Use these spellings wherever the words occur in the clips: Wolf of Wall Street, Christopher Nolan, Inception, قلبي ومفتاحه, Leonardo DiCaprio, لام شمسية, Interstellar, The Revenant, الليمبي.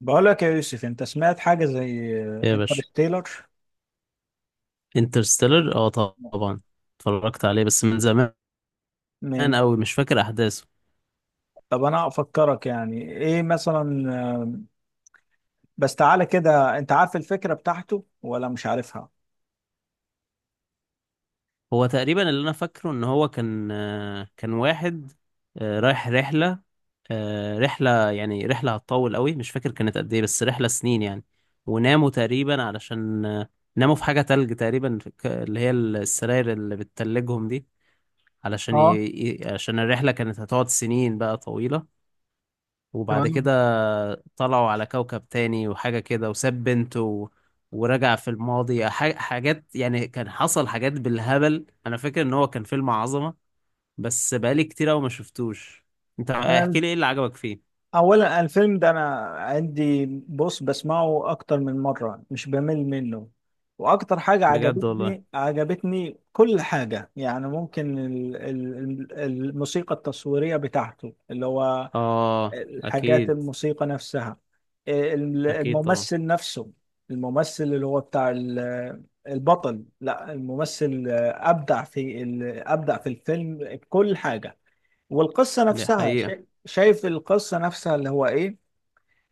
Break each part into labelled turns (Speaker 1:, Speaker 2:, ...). Speaker 1: بقولك يا يوسف، انت سمعت حاجة زي
Speaker 2: يا باشا،
Speaker 1: انترستيلر؟
Speaker 2: انترستيلر اه، طبعا. اتفرجت عليه بس من زمان
Speaker 1: من
Speaker 2: قوي، مش فاكر احداثه.
Speaker 1: طب انا افكرك، يعني ايه مثلا؟ بس تعالى كده، انت عارف الفكرة بتاعته ولا مش عارفها؟
Speaker 2: هو تقريبا اللي انا فاكره ان هو كان كان واحد رايح رحله، رحله، يعني رحله هتطول قوي، مش فاكر كانت قد ايه، بس رحله سنين يعني. وناموا تقريبا علشان ناموا في حاجه تلج تقريبا في اللي هي السراير اللي بتتلجهم دي، علشان
Speaker 1: اه.
Speaker 2: عشان الرحله كانت هتقعد سنين بقى طويله. وبعد
Speaker 1: تمام.
Speaker 2: كده طلعوا على كوكب تاني وحاجة كده، وساب بنته ورجع في الماضي، حاجات يعني، كان حصل حاجات بالهبل. انا فاكر ان هو كان فيلم عظمة، بس بقالي كتير قوي ما شفتوش. انت
Speaker 1: انا
Speaker 2: احكي لي ايه اللي عجبك فيه.
Speaker 1: اولا الفيلم ده، انا عندي، بص، بسمعه اكتر من مرة، مش بمل منه. واكتر حاجة
Speaker 2: بجد والله؟
Speaker 1: عجبتني كل حاجة يعني. ممكن الموسيقى التصويرية بتاعته، اللي هو
Speaker 2: اه،
Speaker 1: الحاجات
Speaker 2: اكيد.
Speaker 1: الموسيقى نفسها،
Speaker 2: اكيد طبعا.
Speaker 1: الممثل نفسه. الممثل اللي هو بتاع البطل، لا، الممثل أبدع في الفيلم، كل حاجة. والقصة
Speaker 2: دي
Speaker 1: نفسها،
Speaker 2: حقيقة.
Speaker 1: شايف القصة نفسها اللي هو إيه؟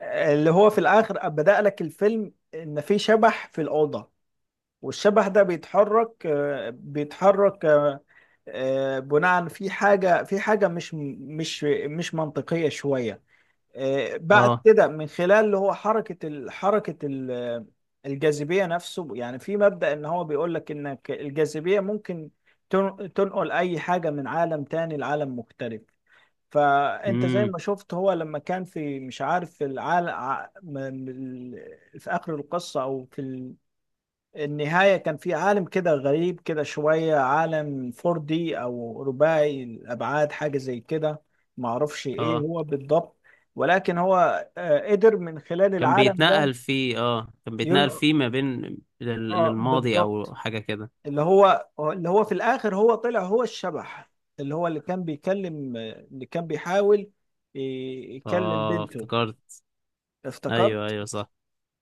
Speaker 1: اللي هو في الآخر بدأ لك الفيلم، إن في شبح في الأوضة، والشبح ده بيتحرك بناء في حاجة مش منطقية شوية. بعد
Speaker 2: اه.
Speaker 1: كده من خلال اللي هو حركة الجاذبية نفسه، يعني في مبدأ، ان هو بيقول لك انك الجاذبية ممكن تنقل اي حاجة من عالم تاني لعالم مختلف. فانت زي
Speaker 2: امم.
Speaker 1: ما شفت، هو لما كان في، مش عارف، في العالم في اخر القصة او في النهاية، كان في عالم كده غريب كده شوية، عالم 4D أو رباعي الأبعاد، حاجة زي كده، معرفش إيه
Speaker 2: اه
Speaker 1: هو بالضبط. ولكن هو قدر من خلال
Speaker 2: كان
Speaker 1: العالم ده.
Speaker 2: بيتنقل فيه، اه كان
Speaker 1: ين...
Speaker 2: بيتنقل فيه ما بين
Speaker 1: آه،
Speaker 2: للماضي
Speaker 1: بالضبط.
Speaker 2: او حاجة كده.
Speaker 1: اللي هو في الآخر، هو طلع هو الشبح، اللي هو اللي كان بيكلم، اللي كان بيحاول يكلم
Speaker 2: اه
Speaker 1: بنته.
Speaker 2: افتكرت. ايوه
Speaker 1: افتكرت؟
Speaker 2: ايوه صح،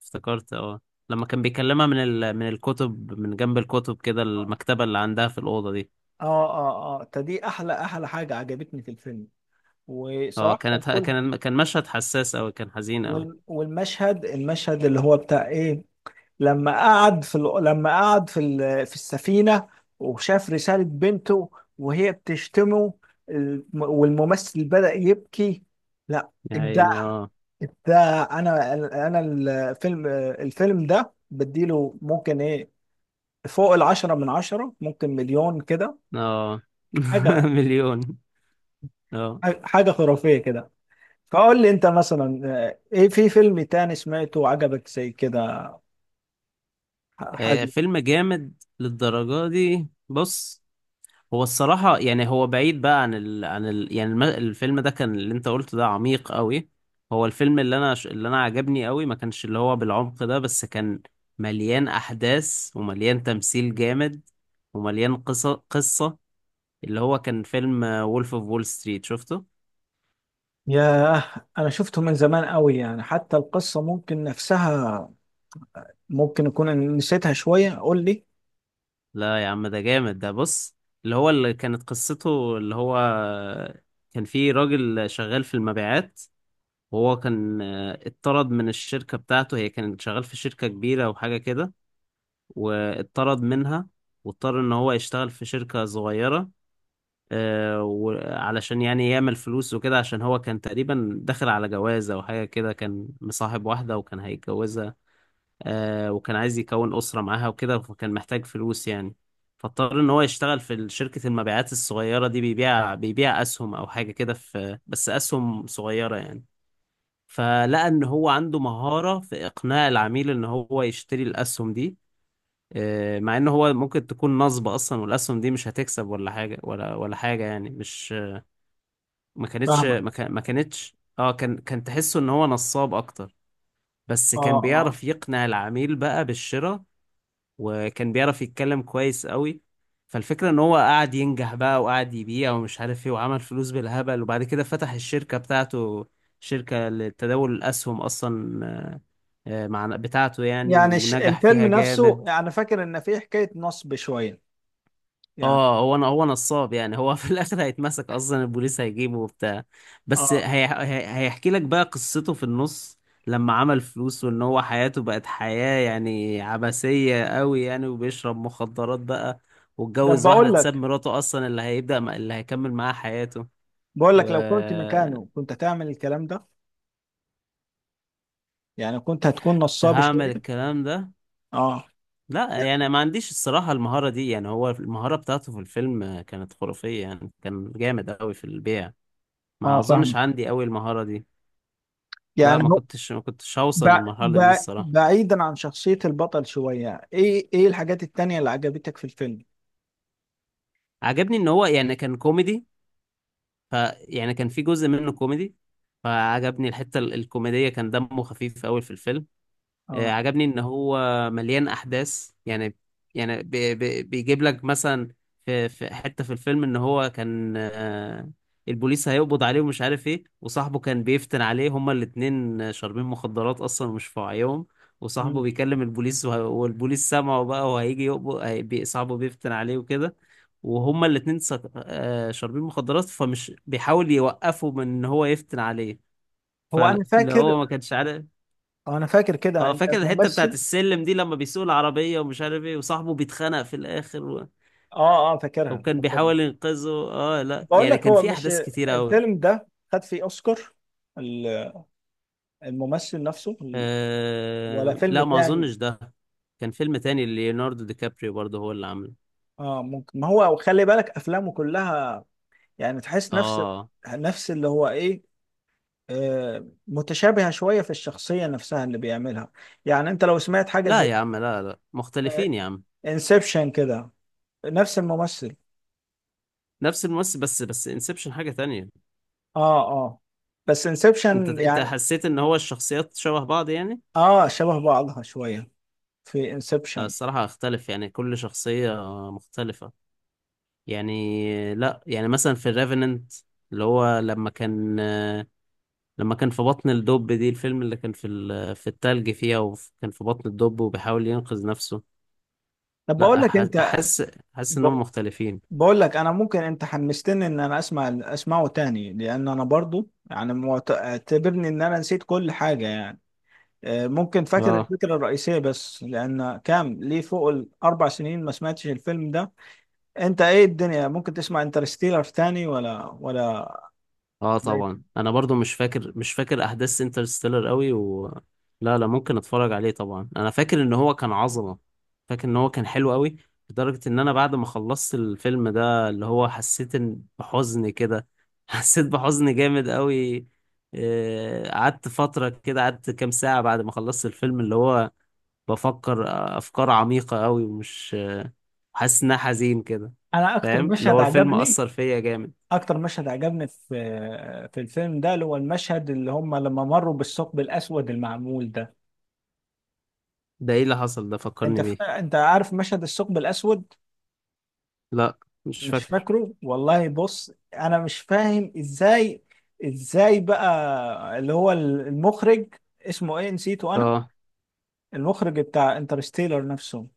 Speaker 2: افتكرت اه. لما كان بيكلمها من ال... من الكتب، من جنب الكتب كده،
Speaker 1: آه،
Speaker 2: المكتبة اللي عندها في الأوضة دي.
Speaker 1: آه، آه. دي أحلى أحلى حاجة عجبتني في الفيلم.
Speaker 2: اه،
Speaker 1: وصراحة كان
Speaker 2: كانت
Speaker 1: كل
Speaker 2: كان كان مشهد حساس أوي، كان حزين أوي.
Speaker 1: والمشهد اللي هو بتاع ايه، لما قعد في السفينة وشاف رسالة بنته وهي بتشتمه، والممثل بدأ يبكي. لا،
Speaker 2: يا
Speaker 1: ابداع.
Speaker 2: عيني اه.
Speaker 1: ابداع. انا الفيلم ده بديله ممكن ايه؟ فوق 10 من 10، ممكن مليون كده.
Speaker 2: اه
Speaker 1: حاجة
Speaker 2: مليون. اه،
Speaker 1: حاجة خرافية كده. فقول لي انت مثلا، ايه في فيلم تاني سمعته وعجبك زي كده، حاجة؟
Speaker 2: فيلم جامد للدرجة دي؟ بص، هو الصراحة يعني هو بعيد بقى عن ال... عن ال... يعني الم... الفيلم ده كان، اللي انت قلته ده عميق قوي. هو الفيلم اللي انا، اللي انا عجبني قوي، ما كانش اللي هو بالعمق ده، بس كان مليان احداث ومليان تمثيل جامد، ومليان قصة. اللي هو كان فيلم وولف اوف وول ستريت، شفته؟
Speaker 1: ياه، أنا شفته من زمان قوي، يعني حتى القصة ممكن نفسها، ممكن أكون نسيتها شوية. قول لي.
Speaker 2: لا يا عم، ده جامد ده، بص. اللي هو اللي كانت قصته، اللي هو كان فيه راجل شغال في المبيعات، وهو كان اتطرد من الشركة بتاعته، هي كانت شغال في شركة كبيرة وحاجة كده، واتطرد منها. واضطر ان هو يشتغل في شركة صغيرة، وعلشان يعني يعمل فلوس وكده، عشان هو كان تقريبا داخل على جوازة او حاجة كده، كان مصاحب واحدة وكان هيتجوزها. وكان عايز يكون أسرة معاها وكده، فكان محتاج فلوس يعني. فاضطر ان هو يشتغل في شركة المبيعات الصغيرة دي، بيبيع اسهم او حاجة كده، في بس اسهم صغيرة يعني. فلقى ان هو عنده مهارة في اقناع العميل ان هو يشتري الاسهم دي، مع ان هو ممكن تكون نصبة اصلا، والاسهم دي مش هتكسب ولا حاجة، ولا حاجة يعني. مش ما كانتش
Speaker 1: فاهمك.
Speaker 2: ما كان- ما كانتش اه كان كان تحسه ان هو نصاب اكتر، بس
Speaker 1: آه،
Speaker 2: كان
Speaker 1: آه.
Speaker 2: بيعرف يقنع العميل بقى بالشراء. وكان بيعرف يتكلم كويس قوي. فالفكرة ان هو قعد ينجح بقى، وقعد يبيع ومش عارف ايه، وعمل فلوس بالهبل. وبعد كده فتح الشركة بتاعته، شركة لتداول الاسهم اصلا. مع بتاعته يعني،
Speaker 1: يعني
Speaker 2: ونجح
Speaker 1: الفيلم
Speaker 2: فيها
Speaker 1: نفسه،
Speaker 2: جامد.
Speaker 1: يعني فاكر إن فيه حكاية نصب شوية، يعني.
Speaker 2: اه، هو هو نصاب يعني، هو في الاخر هيتمسك اصلا، البوليس هيجيبه وبتاع. بس
Speaker 1: آه،
Speaker 2: هيحكي لك بقى قصته في النص، لما عمل فلوس، وان هو حياته بقت حياة يعني عبثية قوي يعني، وبيشرب مخدرات بقى،
Speaker 1: ده
Speaker 2: واتجوز واحدة،
Speaker 1: بقول
Speaker 2: تساب
Speaker 1: لك
Speaker 2: مراته اصلا، اللي هيبدأ اللي هيكمل معاها حياته.
Speaker 1: بقول لك لو كنت
Speaker 2: وكنت
Speaker 1: مكانه، كنت هتعمل الكلام ده؟ يعني كنت هتكون نصاب
Speaker 2: هعمل
Speaker 1: شوية.
Speaker 2: الكلام ده،
Speaker 1: آه،
Speaker 2: لا يعني ما عنديش الصراحة المهارة دي يعني. هو المهارة بتاعته في الفيلم كانت خرافية يعني، كان جامد قوي في البيع. ما
Speaker 1: آه،
Speaker 2: اظنش
Speaker 1: فاهمك.
Speaker 2: عندي قوي المهارة دي. لا
Speaker 1: يعني
Speaker 2: ما
Speaker 1: هو،
Speaker 2: كنتش ما كنتش هوصل للمرحلة دي الصراحة.
Speaker 1: بعيدا عن شخصية البطل شوية، إيه الحاجات التانية اللي عجبتك في الفيلم؟
Speaker 2: عجبني ان هو يعني كان كوميدي. ف يعني كان في جزء منه كوميدي. فعجبني الحتة الكوميدية، كان دمه خفيف قوي في الفيلم.
Speaker 1: آه.
Speaker 2: عجبني ان هو مليان احداث يعني. يعني بيجيب لك مثلا، في في حته في الفيلم ان هو كان، البوليس هيقبض عليه ومش عارف ايه، وصاحبه كان بيفتن عليه، هما الاتنين شاربين مخدرات اصلا ومش في وعيهم. وصاحبه
Speaker 1: مم.
Speaker 2: بيكلم البوليس، والبوليس سامعه بقى، وهيجي يقبض، صاحبه بيفتن عليه وكده. وهما الاتنين شاربين مخدرات، فمش بيحاول يوقفه من ان هو يفتن عليه.
Speaker 1: هو انا
Speaker 2: فاللي
Speaker 1: فاكر
Speaker 2: هو ما كانش عارف.
Speaker 1: اه انا فاكر كده
Speaker 2: اه
Speaker 1: ان
Speaker 2: فاكر الحتة بتاعت
Speaker 1: الممثل.
Speaker 2: السلم دي، لما بيسوق العربية ومش عارف ايه، وصاحبه بيتخانق في الآخر و...
Speaker 1: اه، اه،
Speaker 2: أو
Speaker 1: فاكرها،
Speaker 2: كان
Speaker 1: فاكرها.
Speaker 2: بيحاول ينقذه، اه لا
Speaker 1: بقول
Speaker 2: يعني
Speaker 1: لك،
Speaker 2: كان
Speaker 1: هو
Speaker 2: في
Speaker 1: مش
Speaker 2: أحداث كتيرة أوي.
Speaker 1: الفيلم ده خد فيه اوسكار؟ ال- الممثل نفسه، ولا
Speaker 2: آه...
Speaker 1: فيلم
Speaker 2: لا ما
Speaker 1: تاني؟
Speaker 2: أظنش ده. كان فيلم تاني ليوناردو دي كابريو برضه هو اللي عامله.
Speaker 1: اه، ممكن. ما هو خلي بالك افلامه كلها، يعني تحس نفس
Speaker 2: اه
Speaker 1: نفس اللي هو ايه، آه، متشابهة شوية في الشخصية نفسها اللي بيعملها. يعني انت لو سمعت حاجة
Speaker 2: لا
Speaker 1: زي
Speaker 2: يا عم، لا لا مختلفين يا عم.
Speaker 1: انسبشن كده، نفس الممثل.
Speaker 2: نفس الممثل، بس بس انسبشن حاجة تانية.
Speaker 1: اه، اه، بس
Speaker 2: انت
Speaker 1: انسبشن
Speaker 2: انت
Speaker 1: يعني.
Speaker 2: حسيت ان هو الشخصيات شبه بعض يعني؟
Speaker 1: اه، شبه بعضها شوية في انسبشن.
Speaker 2: الصراحة اختلف يعني، كل شخصية مختلفة يعني. لا يعني مثلا في الريفننت، اللي هو لما كان، لما كان في بطن الدب دي، الفيلم اللي كان في في التلج فيها، وكان في بطن الدب وبيحاول ينقذ نفسه.
Speaker 1: طب بقول
Speaker 2: لا
Speaker 1: لك انت،
Speaker 2: احس، احس
Speaker 1: ب...
Speaker 2: انهم مختلفين.
Speaker 1: بقول لك انا ممكن، انت حمستني ان انا اسمعه تاني، لان انا برضو، يعني، اعتبرني ان انا نسيت كل حاجة يعني. ممكن فاكر
Speaker 2: اه
Speaker 1: الفكرة الرئيسية بس، لان كام ليه، فوق ال4 سنين ما سمعتش الفيلم ده. انت ايه الدنيا، ممكن تسمع انترستيلر تاني ولا؟
Speaker 2: اه طبعا،
Speaker 1: لا.
Speaker 2: انا برضو مش فاكر، مش فاكر احداث انترستيلر قوي، و لا لا ممكن اتفرج عليه طبعا. انا فاكر ان هو كان عظمة، فاكر ان هو كان حلو قوي، لدرجة ان انا بعد ما خلصت الفيلم ده اللي هو حسيت بحزن كده حسيت بحزن جامد قوي. قعدت فترة كده، قعدت كام ساعة بعد ما خلصت الفيلم، اللي هو بفكر افكار عميقة قوي، ومش حاسس انها حزين كده.
Speaker 1: انا اكتر
Speaker 2: فاهم؟ اللي
Speaker 1: مشهد
Speaker 2: هو الفيلم
Speaker 1: عجبني
Speaker 2: اثر فيا جامد.
Speaker 1: اكتر مشهد عجبني في الفيلم ده، اللي هو المشهد اللي هم لما مروا بالثقب الاسود المعمول ده.
Speaker 2: ده ايه اللي حصل ده؟ فكرني بيه.
Speaker 1: انت عارف مشهد الثقب الاسود؟
Speaker 2: لا مش
Speaker 1: مش
Speaker 2: فاكر.
Speaker 1: فاكره؟ والله بص، انا مش فاهم ازاي بقى اللي هو المخرج، اسمه ايه، نسيته انا،
Speaker 2: اه
Speaker 1: المخرج بتاع انترستيلر نفسه.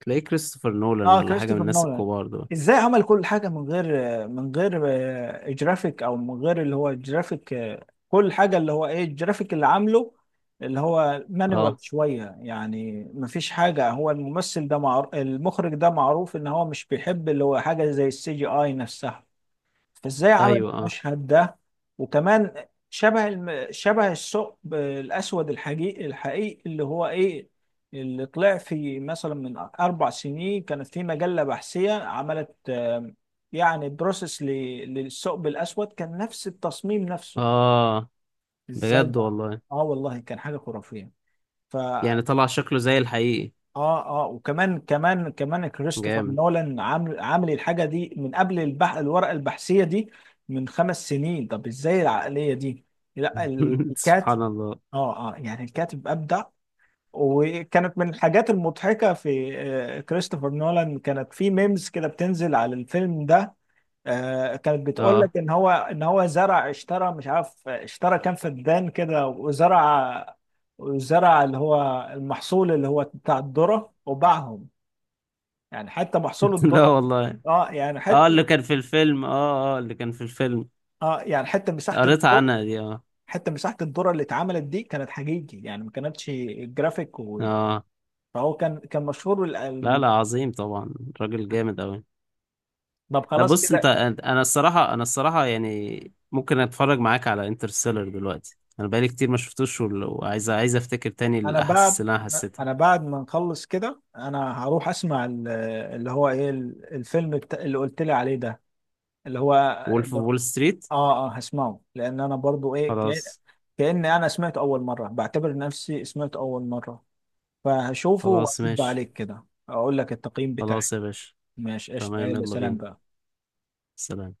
Speaker 2: تلاقيه كريستوفر نولان
Speaker 1: اه،
Speaker 2: ولا حاجة من
Speaker 1: كريستوفر
Speaker 2: الناس
Speaker 1: نولان.
Speaker 2: الكبار دول.
Speaker 1: ازاي عمل كل حاجه من غير جرافيك، او من غير اللي هو جرافيك، كل حاجه، اللي هو ايه الجرافيك اللي عامله اللي هو مانوال
Speaker 2: اه
Speaker 1: شويه يعني، مفيش حاجه. هو الممثل ده معروف، المخرج ده معروف ان هو مش بيحب اللي هو حاجه زي السي جي اي نفسها. فازاي عمل
Speaker 2: ايوه اه
Speaker 1: المشهد ده؟ وكمان شبه شبه الثقب الاسود الحقيقي، الحقيقي اللي هو ايه، اللي طلع في، مثلا، من 4 سنين كانت في مجله بحثيه عملت يعني بروسيس للثقب الاسود، كان نفس التصميم نفسه.
Speaker 2: اه.
Speaker 1: ازاي
Speaker 2: بجد
Speaker 1: بقى؟
Speaker 2: والله؟
Speaker 1: اه، والله كان حاجه خرافيه. ف
Speaker 2: يعني طلع شكله زي الحقيقي.
Speaker 1: اه، اه. وكمان كمان كمان كريستوفر
Speaker 2: جامد.
Speaker 1: نولان عامل الحاجه دي من قبل، الورقه البحثيه دي، من 5 سنين. طب ازاي العقليه دي؟ لا،
Speaker 2: سبحان
Speaker 1: الكاتب.
Speaker 2: الله.
Speaker 1: اه، اه، يعني الكاتب ابدع. وكانت من الحاجات المضحكه في كريستوفر نولان، كانت في ميمز كده بتنزل على الفيلم ده، كانت بتقول
Speaker 2: اه
Speaker 1: لك ان هو زرع، اشترى، مش عارف اشترى كام فدان كده، وزرع. اللي هو المحصول، اللي هو بتاع الذرة، وباعهم. يعني حتى محصول
Speaker 2: لا
Speaker 1: الذره،
Speaker 2: والله.
Speaker 1: اه، يعني
Speaker 2: اه اللي
Speaker 1: حتى،
Speaker 2: كان في الفيلم، اه اه اللي كان في الفيلم،
Speaker 1: اه، يعني حتى مساحه
Speaker 2: قريت
Speaker 1: الذره
Speaker 2: عنها دي اه.
Speaker 1: حتى مساحه الذره اللي اتعملت دي، كانت حقيقي، يعني ما كانتش جرافيك
Speaker 2: اه
Speaker 1: فهو كان مشهور،
Speaker 2: لا لا، عظيم طبعا، راجل جامد اوي.
Speaker 1: طب
Speaker 2: لا
Speaker 1: خلاص
Speaker 2: بص،
Speaker 1: كده.
Speaker 2: انا الصراحه، انا الصراحه يعني ممكن اتفرج معاك على انترستيلر دلوقتي، انا بقالي كتير ما شفتوش، وعايز، عايز افتكر تاني
Speaker 1: انا
Speaker 2: الاحاسيس
Speaker 1: بعد
Speaker 2: اللي انا
Speaker 1: انا
Speaker 2: حسيتها.
Speaker 1: أنا بعد ما نخلص كده، انا هروح اسمع اللي هو ايه الفيلم اللي قلت لي عليه ده، اللي هو
Speaker 2: وولف
Speaker 1: اللي...
Speaker 2: اوف وول ستريت.
Speaker 1: اه، اه، هسمعه، لان انا برضو، ايه،
Speaker 2: خلاص.
Speaker 1: كأني انا سمعته اول مره، بعتبر نفسي سمعته اول مره. فهشوفه
Speaker 2: خلاص
Speaker 1: وأرد
Speaker 2: ماشي.
Speaker 1: عليك كده، أقول لك التقييم بتاعي.
Speaker 2: خلاص يا باشا.
Speaker 1: ماشي، قشطة،
Speaker 2: تمام،
Speaker 1: يلا،
Speaker 2: يلا
Speaker 1: سلام
Speaker 2: بينا.
Speaker 1: بقى.
Speaker 2: سلام.